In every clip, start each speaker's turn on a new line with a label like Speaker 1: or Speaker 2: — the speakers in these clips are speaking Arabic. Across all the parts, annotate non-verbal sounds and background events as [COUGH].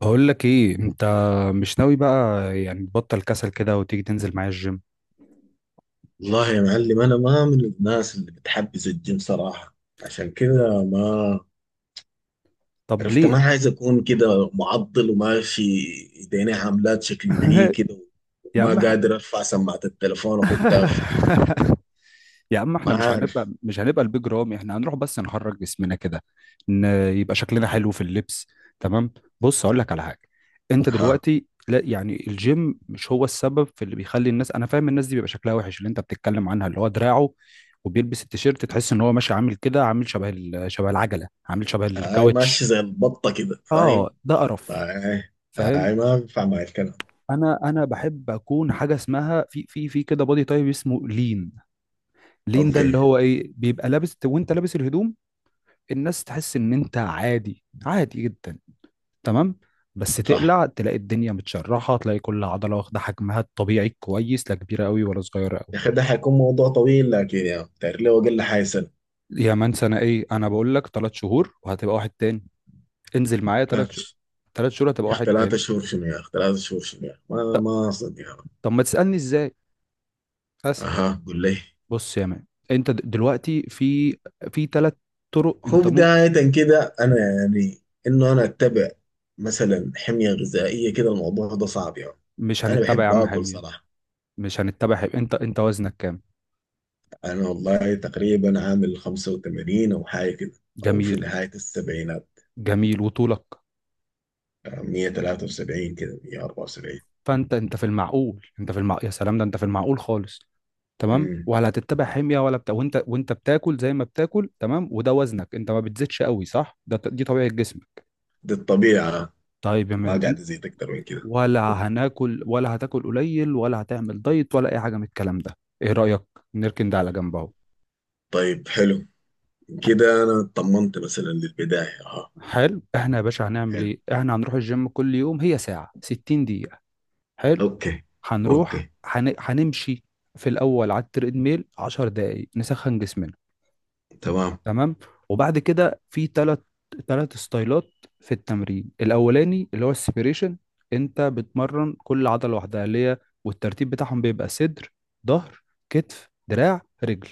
Speaker 1: بقول لك ايه انت؟ مش ناوي بقى؟ يعني تبطل كسل كده وتيجي تنزل معايا الجيم؟
Speaker 2: والله يا معلم، انا ما من الناس اللي بتحبذ الجيم صراحه. عشان كده ما
Speaker 1: طب
Speaker 2: عرفت. ما
Speaker 1: ليه؟
Speaker 2: عايز اكون كده معضل وماشي ايديني عاملات شكلي فيه
Speaker 1: [LAUGHS]
Speaker 2: كده،
Speaker 1: يا
Speaker 2: وما
Speaker 1: عم ح-
Speaker 2: قادر ارفع سماعه التليفون واخدها في.
Speaker 1: [LAUGHS] يا عم، احنا
Speaker 2: ما
Speaker 1: مش
Speaker 2: عارف.
Speaker 1: هنبقى مش هنبقى البيج رامي، احنا هنروح بس نحرك جسمنا كده. ان يبقى شكلنا حلو في اللبس. تمام. بص اقول لك على حاجه. انت
Speaker 2: ها.
Speaker 1: دلوقتي، لا يعني الجيم مش هو السبب في اللي بيخلي الناس، انا فاهم الناس دي بيبقى شكلها وحش اللي انت بتتكلم عنها، اللي هو دراعه وبيلبس التيشيرت تحس ان هو ماشي عامل كده، عامل شبه العجله، عامل شبه
Speaker 2: هاي ماشي
Speaker 1: الكاوتش.
Speaker 2: زي البطه كده، فاهم.
Speaker 1: اه ده قرف.
Speaker 2: هاي.
Speaker 1: فاهم.
Speaker 2: هاي، ما بينفع معي الكلام.
Speaker 1: انا بحب اكون حاجه اسمها في كده بودي تايب اسمه لين. لين ده اللي
Speaker 2: اوكي.
Speaker 1: هو ايه، بيبقى لابس وانت لابس الهدوم، الناس تحس ان انت عادي، عادي جدا. تمام. بس
Speaker 2: صح.
Speaker 1: تقلع تلاقي الدنيا متشرحه، تلاقي كل عضله واخده حجمها الطبيعي الكويس، لا كبيره قوي ولا صغيره
Speaker 2: يا اخي
Speaker 1: قوي.
Speaker 2: ده حيكون موضوع طويل، لكن يا تعرف ليه؟ اقل حاجه سنه.
Speaker 1: يا مان، انا ايه، انا بقول لك 3 شهور وهتبقى واحد تاني. انزل معايا ثلاث
Speaker 2: 3 شهور؟
Speaker 1: شهور 3 شهور هتبقى
Speaker 2: يا اخي
Speaker 1: واحد
Speaker 2: ثلاثة
Speaker 1: تاني.
Speaker 2: شهور شنو؟ يا اخي 3 شهور شنو؟ يا اخي ما
Speaker 1: ط-
Speaker 2: ما اصدق.
Speaker 1: طب ما تسالني ازاي؟ اسهل.
Speaker 2: اها، قول لي.
Speaker 1: بص يا مان، انت دلوقتي في ثلاث طرق.
Speaker 2: هو
Speaker 1: انت مو
Speaker 2: بداية كده أنا يعني إنه أنا أتبع مثلا حمية غذائية كده، الموضوع ده صعب يعني.
Speaker 1: مش
Speaker 2: أنا
Speaker 1: هنتبع يا
Speaker 2: بحب
Speaker 1: عم
Speaker 2: آكل
Speaker 1: حميد.
Speaker 2: صراحة.
Speaker 1: مش هنتبع حميد. انت وزنك كام؟
Speaker 2: أنا والله تقريبا عامل 85 أو حاجة كده. أو
Speaker 1: جميل.
Speaker 2: في نهاية السبعينات.
Speaker 1: جميل، وطولك؟
Speaker 2: 173 كده، 174.
Speaker 1: فانت في المعقول، انت في المعقول، يا سلام ده انت في المعقول خالص. تمام،
Speaker 2: امم
Speaker 1: ولا هتتبع حمية ولا بتاع، وانت بتاكل زي ما بتاكل، تمام، وده وزنك، انت ما بتزيدش قوي، صح، ده دي طبيعة جسمك.
Speaker 2: دي الطبيعة.
Speaker 1: طيب يا
Speaker 2: ما
Speaker 1: مان،
Speaker 2: قاعد أزيد أكتر من كده.
Speaker 1: ولا هناكل ولا هتاكل قليل ولا هتعمل دايت ولا اي حاجة من الكلام ده، ايه رأيك؟ نركن ده على جنب اهو.
Speaker 2: طيب حلو. كده أنا اطمنت مثلا للبداية. أها.
Speaker 1: حلو. احنا يا باشا هنعمل
Speaker 2: حلو.
Speaker 1: ايه؟ احنا هنروح الجيم كل يوم، هي ساعة، 60 دقيقة. حلو.
Speaker 2: أوكي. أوكي.
Speaker 1: هنمشي في الاول على التريدميل 10 دقايق، نسخن جسمنا.
Speaker 2: تمام.
Speaker 1: تمام. وبعد كده في ثلاث ستايلات. في التمرين الاولاني اللي هو السبيريشن، انت بتمرن كل عضلة لوحدها، اللي هي، والترتيب بتاعهم بيبقى صدر، ظهر، كتف، دراع، رجل.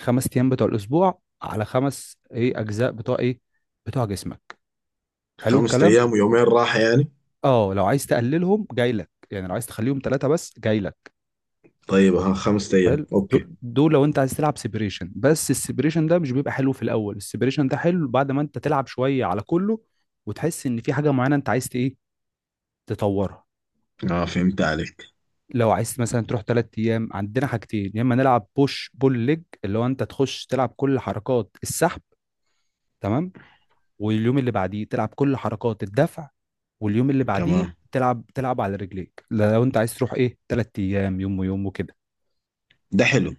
Speaker 1: 5 ايام بتوع الاسبوع على خمس ايه، اجزاء بتوع ايه، بتوع جسمك. حلو
Speaker 2: خمسة
Speaker 1: الكلام.
Speaker 2: أيام ويومين راحة يعني.
Speaker 1: اه، لو عايز تقللهم جاي لك، يعني لو عايز تخليهم ثلاثة بس جاي لك.
Speaker 2: طيب ها، 5 ايام،
Speaker 1: حلو.
Speaker 2: اوكي.
Speaker 1: دول دول لو انت عايز تلعب سيبريشن، بس السيبريشن ده مش بيبقى حلو في الاول، السيبريشن ده حلو بعد ما انت تلعب شوية على كله وتحس ان في حاجة معينة انت عايز ت- ايه تطورها.
Speaker 2: اه، فهمت عليك.
Speaker 1: لو عايز مثلا تروح 3 ايام، عندنا حاجتين، يا اما نلعب بوش بول ليج اللي هو انت تخش تلعب كل حركات السحب، تمام، واليوم اللي بعديه تلعب كل حركات الدفع، واليوم اللي بعديه
Speaker 2: تمام.
Speaker 1: تلعب على رجليك، لو انت عايز تروح ايه 3 ايام يوم ويوم وكده.
Speaker 2: ده حلو.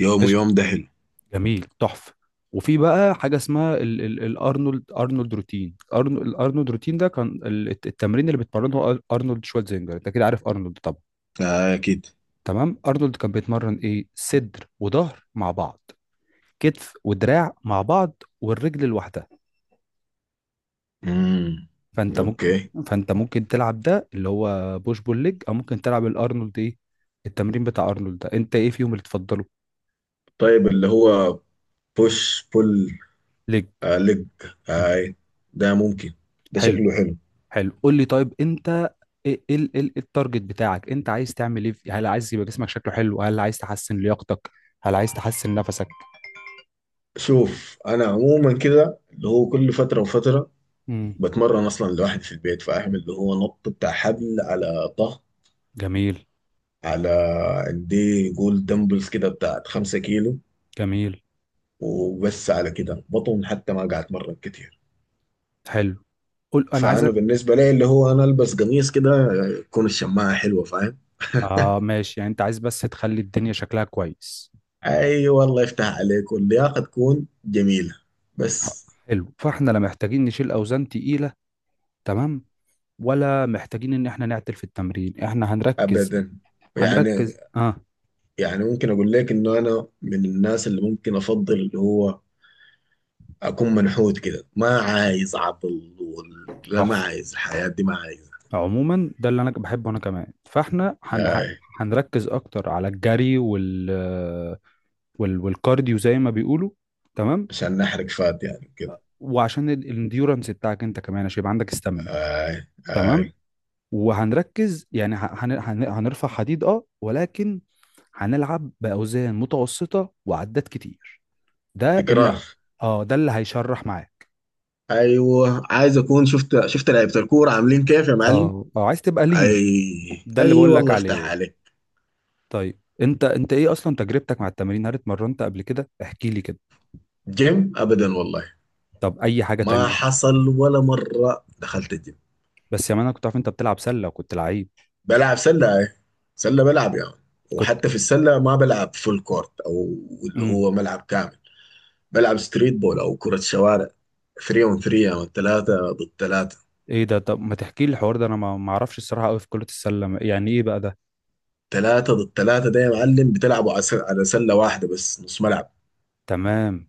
Speaker 2: يوم ويوم ده حلو.
Speaker 1: جميل، تحفه. وفي بقى حاجه اسمها الارنولد، ارنولد روتين، الارنولد روتين ده كان التمرين اللي بتمرنه ارنولد شوالزينجر، انت كده عارف ارنولد طبعا.
Speaker 2: آه اكيد.
Speaker 1: تمام. ارنولد كان بيتمرن ايه، صدر وظهر مع بعض، كتف ودراع مع بعض، والرجل لوحدها.
Speaker 2: امم.
Speaker 1: فانت ممكن،
Speaker 2: اوكي.
Speaker 1: فانت ممكن تلعب ده اللي هو بوش بول ليج، او ممكن تلعب الارنولد ايه، التمرين بتاع ارنولد، ده انت ايه فيهم اللي تفضله؟
Speaker 2: طيب اللي هو بوش بول
Speaker 1: ليج.
Speaker 2: ليج.
Speaker 1: مم.
Speaker 2: هاي. ده ممكن. ده
Speaker 1: حلو.
Speaker 2: شكله حلو.
Speaker 1: حلو، قول لي، طيب انت، ايه ايه ايه التارجت بتاعك؟ انت عايز تعمل ايه هل عايز يبقى جسمك شكله حلو، هل عايز تحسن لياقتك، هل عايز تحسن نفسك؟
Speaker 2: شوف انا عموما كده اللي هو كل فتره وفتره
Speaker 1: امم.
Speaker 2: بتمرن اصلا لوحدي في البيت، فاعمل اللي هو نط بتاع حبل على ظهر.
Speaker 1: جميل.
Speaker 2: على. عندي جول دمبلز كده بتاعت 5 كيلو،
Speaker 1: جميل.
Speaker 2: وبس. على كده بطن حتى ما قاعد اتمرن كتير.
Speaker 1: حلو، قول انا
Speaker 2: فانا
Speaker 1: عايزك.
Speaker 2: بالنسبه لي اللي هو انا البس قميص كده تكون الشماعه حلوه، فاهم؟
Speaker 1: اه ماشي، يعني انت عايز بس تخلي الدنيا شكلها كويس.
Speaker 2: اي والله يفتح عليك واللياقه تكون جميله، بس.
Speaker 1: حلو. فاحنا لا محتاجين نشيل اوزان تقيلة، تمام، ولا محتاجين ان احنا نعتل في التمرين، احنا هنركز،
Speaker 2: ابدا. يعني
Speaker 1: هنركز اه.
Speaker 2: يعني ممكن اقول لك انه انا من الناس اللي ممكن افضل اللي هو اكون منحوت كده، ما عايز عضل لا، ما
Speaker 1: تحفة.
Speaker 2: عايز الحياه دي، ما عايز.
Speaker 1: عموما ده اللي انا بحبه انا كمان، فاحنا
Speaker 2: آي.
Speaker 1: هنركز اكتر على الجري والكارديو زي ما بيقولوا. تمام.
Speaker 2: عشان نحرق فات يعني كده.
Speaker 1: وعشان الانديورنس بتاعك انت كمان، عشان يبقى عندك استامينا.
Speaker 2: اي اي.
Speaker 1: تمام. وهنركز يعني هنرفع حديد اه، ولكن هنلعب باوزان متوسطه وعدات كتير. ده اللي،
Speaker 2: تكرار.
Speaker 1: اه ده اللي هيشرح معاك.
Speaker 2: ايوه عايز اكون شفت لعيبه الكوره عاملين كيف يا معلم.
Speaker 1: اه اه عايز تبقى لين.
Speaker 2: اي
Speaker 1: ده اللي
Speaker 2: اي
Speaker 1: بقول لك
Speaker 2: والله افتح
Speaker 1: عليه.
Speaker 2: عليك.
Speaker 1: طيب انت ايه اصلا تجربتك مع التمارين، هل اتمرنت قبل كده؟ احكي لي كده.
Speaker 2: جيم ابدا والله.
Speaker 1: طب اي حاجه
Speaker 2: ما
Speaker 1: تانية؟
Speaker 2: حصل ولا مره دخلت الجيم.
Speaker 1: بس يا مان انا كنت عارف انت بتلعب سله وكنت لعيب.
Speaker 2: بلعب سله، اي. سله بلعب يعني.
Speaker 1: كنت.
Speaker 2: وحتى في السله ما بلعب فول كورت او اللي
Speaker 1: امم.
Speaker 2: هو ملعب كامل. بلعب ستريت بول او كره شوارع. 3 اون 3، يعني 3 ضد 3.
Speaker 1: ايه ده، طب ما تحكي لي الحوار ده، انا ما اعرفش الصراحه قوي في كره السله، يعني ايه بقى ده؟
Speaker 2: 3 ضد 3 ده يا معلم بتلعبوا على على سله واحده بس، نص ملعب.
Speaker 1: تمام.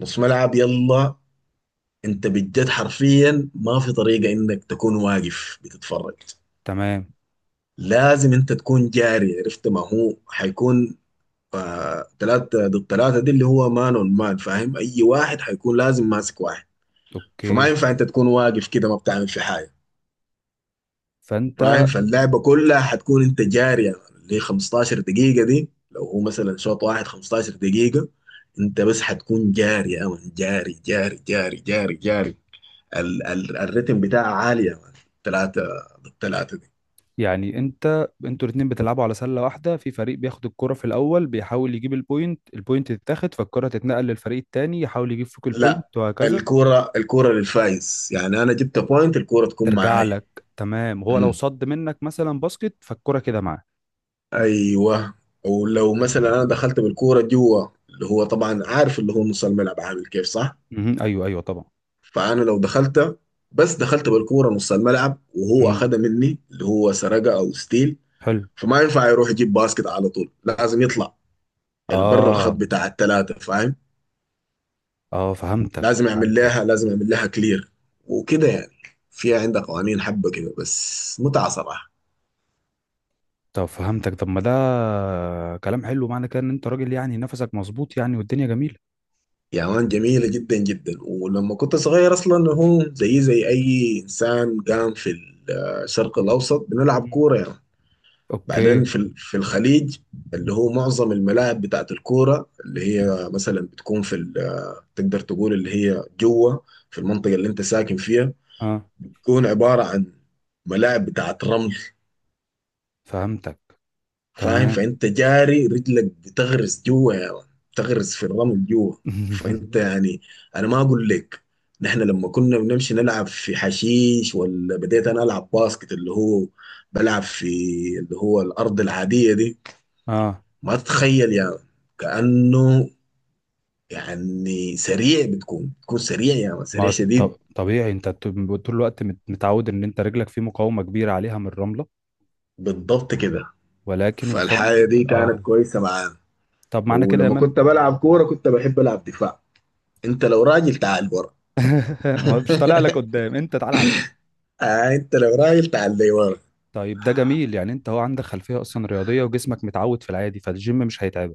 Speaker 2: نص ملعب. يلا، انت بجد حرفيا ما في طريقه انك تكون واقف بتتفرج.
Speaker 1: تمام.
Speaker 2: لازم انت تكون جاري، عرفت؟ ما هو حيكون. آه تلاتة ضد تلاتة دي اللي هو مان اون مان، فاهم؟ اي واحد حيكون لازم ماسك واحد. فما
Speaker 1: اوكي.
Speaker 2: ينفع انت تكون واقف كده ما بتعمل في حاجة، فاهم؟
Speaker 1: فانت
Speaker 2: فاللعبة كلها حتكون انت جاري يعني. اللي 15 دقيقة دي، لو هو مثلا شوط واحد 15 دقيقة، انت بس حتكون جاري يا مان، جاري جاري جاري جاري جاري. ال ال الريتم بتاعها عالي يا مان. تلاتة ضد تلاتة.
Speaker 1: يعني، انت انتوا الاتنين بتلعبوا على سله واحده، في فريق بياخد الكره في الاول بيحاول يجيب البوينت، البوينت تتاخد فالكره تتنقل للفريق التاني يحاول يجيب فوق
Speaker 2: لا،
Speaker 1: البوينت وهكذا.
Speaker 2: الكورة الكورة للفايز، يعني أنا جبت بوينت الكورة تكون
Speaker 1: ترجع
Speaker 2: معاي.
Speaker 1: لك؟ تمام، هو لو
Speaker 2: مم.
Speaker 1: صد منك مثلا باسكت فالكره كده معاه.
Speaker 2: أيوه. ولو مثلا أنا دخلت بالكورة جوا اللي هو طبعا عارف اللي هو نص الملعب عامل كيف، صح؟
Speaker 1: مهم. ايوه، ايوه طبعا.
Speaker 2: فأنا لو دخلت، بس دخلت بالكورة نص الملعب وهو
Speaker 1: مم.
Speaker 2: أخدها مني اللي هو سرقة أو ستيل.
Speaker 1: حلو.
Speaker 2: فما ينفع يروح يجيب باسكت على طول، لازم يطلع البر الخط
Speaker 1: اه،
Speaker 2: بتاع التلاتة، فاهم؟
Speaker 1: اه فهمتك،
Speaker 2: لازم يعمل لها،
Speaker 1: فهمتك.
Speaker 2: لازم يعمل لها كلير، وكده يعني. فيها عندها قوانين حبة كده، بس متعة صراحة.
Speaker 1: طب فهمتك. طب ما ده كلام حلو، معنى كده ان انت راجل يعني نفسك مظبوط يعني والدنيا جميلة.
Speaker 2: يا مان جميلة جدا جدا. ولما كنت صغير أصلا هو زي زي أي إنسان قام في الشرق الأوسط، بنلعب
Speaker 1: مم.
Speaker 2: كورة يعني. بعدين
Speaker 1: اوكي.
Speaker 2: في في الخليج اللي هو معظم الملاعب بتاعت الكورة اللي هي مثلا بتكون في تقدر تقول اللي هي جوه في المنطقة اللي أنت ساكن فيها
Speaker 1: اه
Speaker 2: تكون عبارة عن ملاعب بتاعت رمل.
Speaker 1: فهمتك.
Speaker 2: فاهم؟
Speaker 1: تمام.
Speaker 2: فانت جاري رجلك بتغرس جوا يا مان. بتغرس في الرمل جوا. فانت
Speaker 1: [LAUGHS]
Speaker 2: يعني، انا ما اقول لك، نحن لما كنا بنمشي نلعب في حشيش، ولا بديت انا العب باسكت اللي هو بلعب في اللي هو الارض العاديه دي،
Speaker 1: اه،
Speaker 2: ما تتخيل يا مان. كانه يعني سريع، بتكون سريع يا مان،
Speaker 1: ما
Speaker 2: سريع شديد.
Speaker 1: طبيعي انت طول الوقت متعود ان انت رجلك في مقاومة كبيرة عليها من الرملة،
Speaker 2: بالضبط كده.
Speaker 1: ولكن انت طبعا
Speaker 2: فالحاجه
Speaker 1: بتقدر
Speaker 2: دي كانت
Speaker 1: اه.
Speaker 2: كويسه معانا.
Speaker 1: طب معنى كده يا
Speaker 2: ولما
Speaker 1: مان.
Speaker 2: كنت بلعب كوره كنت بحب العب دفاع. انت لو راجل تعال برا.
Speaker 1: [LAUGHS] ما مش طالع لك قدام، انت تعالى عدي.
Speaker 2: آه انت لو راجل تعال لي ورا.
Speaker 1: طيب ده جميل، يعني انت هو عندك خلفية اصلا رياضية وجسمك متعود في العادي، فالجيم مش هيتعب.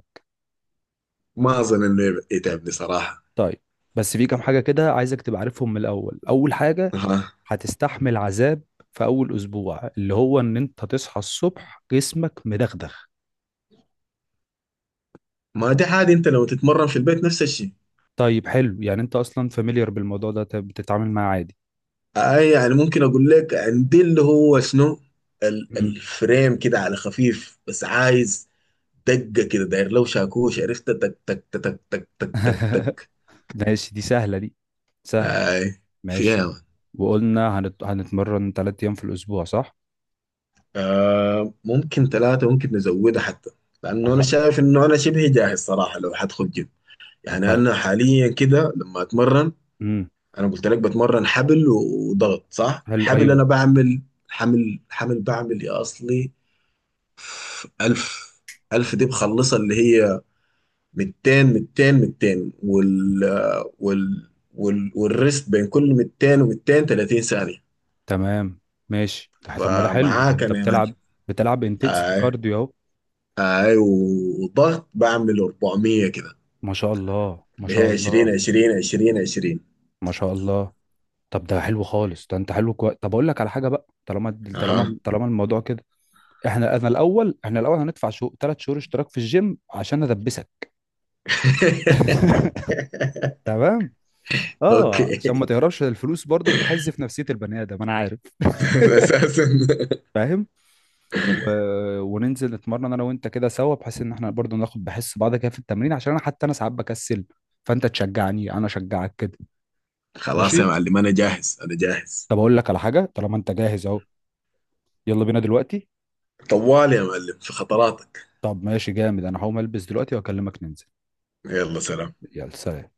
Speaker 2: ما اظن انه يتعبني صراحه.
Speaker 1: طيب. بس في كام حاجة كده عايزك تبقى عارفهم من الأول. أول حاجة
Speaker 2: اها،
Speaker 1: هتستحمل عذاب في أول أسبوع، اللي هو إن أنت هتصحى الصبح جسمك مدغدغ.
Speaker 2: ما دي عادي، انت لو تتمرن في البيت نفس الشيء.
Speaker 1: طيب حلو، يعني أنت أصلا فاميليار بالموضوع ده، طب بتتعامل معاه عادي.
Speaker 2: آه يعني ممكن اقول لك عندي اللي هو شنو،
Speaker 1: مم.
Speaker 2: الفريم كده على خفيف، بس عايز دقه كده داير لو شاكوش، عرفت؟ تك تك تك، تك تك تك تك
Speaker 1: [LAUGHS]
Speaker 2: تك.
Speaker 1: ماشي، دي سهلة دي، سهلة،
Speaker 2: اي.
Speaker 1: ماشي.
Speaker 2: فيها.
Speaker 1: وقلنا هنتمرن 3 أيام في الأسبوع، صح؟
Speaker 2: آه ممكن 3، ممكن نزودها حتى، لانه
Speaker 1: طب
Speaker 2: انا
Speaker 1: ح-
Speaker 2: شايف انه انا شبه جاهز صراحه لو حدخل جيم. يعني
Speaker 1: طيب.
Speaker 2: انا حاليا كده لما اتمرن،
Speaker 1: مم.
Speaker 2: انا قلت لك بتمرن حبل وضغط، صح؟
Speaker 1: حلو،
Speaker 2: حبل انا
Speaker 1: أيوه.
Speaker 2: بعمل حمل حمل بعمل يا اصلي ألف. ألف دي بخلصها اللي هي 200، 200، 200، وال والريست بين كل 200 و200 30 ثانية.
Speaker 1: تمام. ماشي. طب ما ده حلو، ده
Speaker 2: فمعاك
Speaker 1: أنت
Speaker 2: انا يا معلم.
Speaker 1: بتلعب انتنسيتي
Speaker 2: اي
Speaker 1: كارديو أهو.
Speaker 2: اي. وضغط بعمل 400 كده،
Speaker 1: ما شاء الله، ما
Speaker 2: اللي
Speaker 1: شاء
Speaker 2: هي 20،
Speaker 1: الله.
Speaker 2: 20، 20، 20.
Speaker 1: ما شاء الله. طب ده حلو خالص، ده انت حلو كويس. طب اقول لك على حاجه بقى، طالما
Speaker 2: اها.
Speaker 1: طالما الموضوع كده، احنا انا الاول، احنا الاول هندفع شو 3 شهور اشتراك في الجيم عشان ادبسك. [LAUGHS]
Speaker 2: [LAUGHS]
Speaker 1: تمام. اه عشان
Speaker 2: اوكي.
Speaker 1: ما
Speaker 2: [LAUGHS]
Speaker 1: تهربش، الفلوس برضو بتحز في نفسيه البني ادم، انا عارف.
Speaker 2: اساسا.
Speaker 1: فاهم. و... وننزل نتمرن انا وانت كده سوا، بحيث ان احنا برضو ناخد بحس بعض كده في التمرين، عشان انا حتى انا ساعات بكسل، فانت تشجعني انا اشجعك كده.
Speaker 2: خلاص يا
Speaker 1: ماشي.
Speaker 2: معلم انا جاهز، انا جاهز.
Speaker 1: طب اقول لك على حاجه، طالما انت جاهز اهو، يلا بينا دلوقتي.
Speaker 2: طوال يا معلم في خطراتك.
Speaker 1: طب ماشي جامد، انا هقوم البس دلوقتي واكلمك ننزل.
Speaker 2: يلا سلام.
Speaker 1: يلا سلام.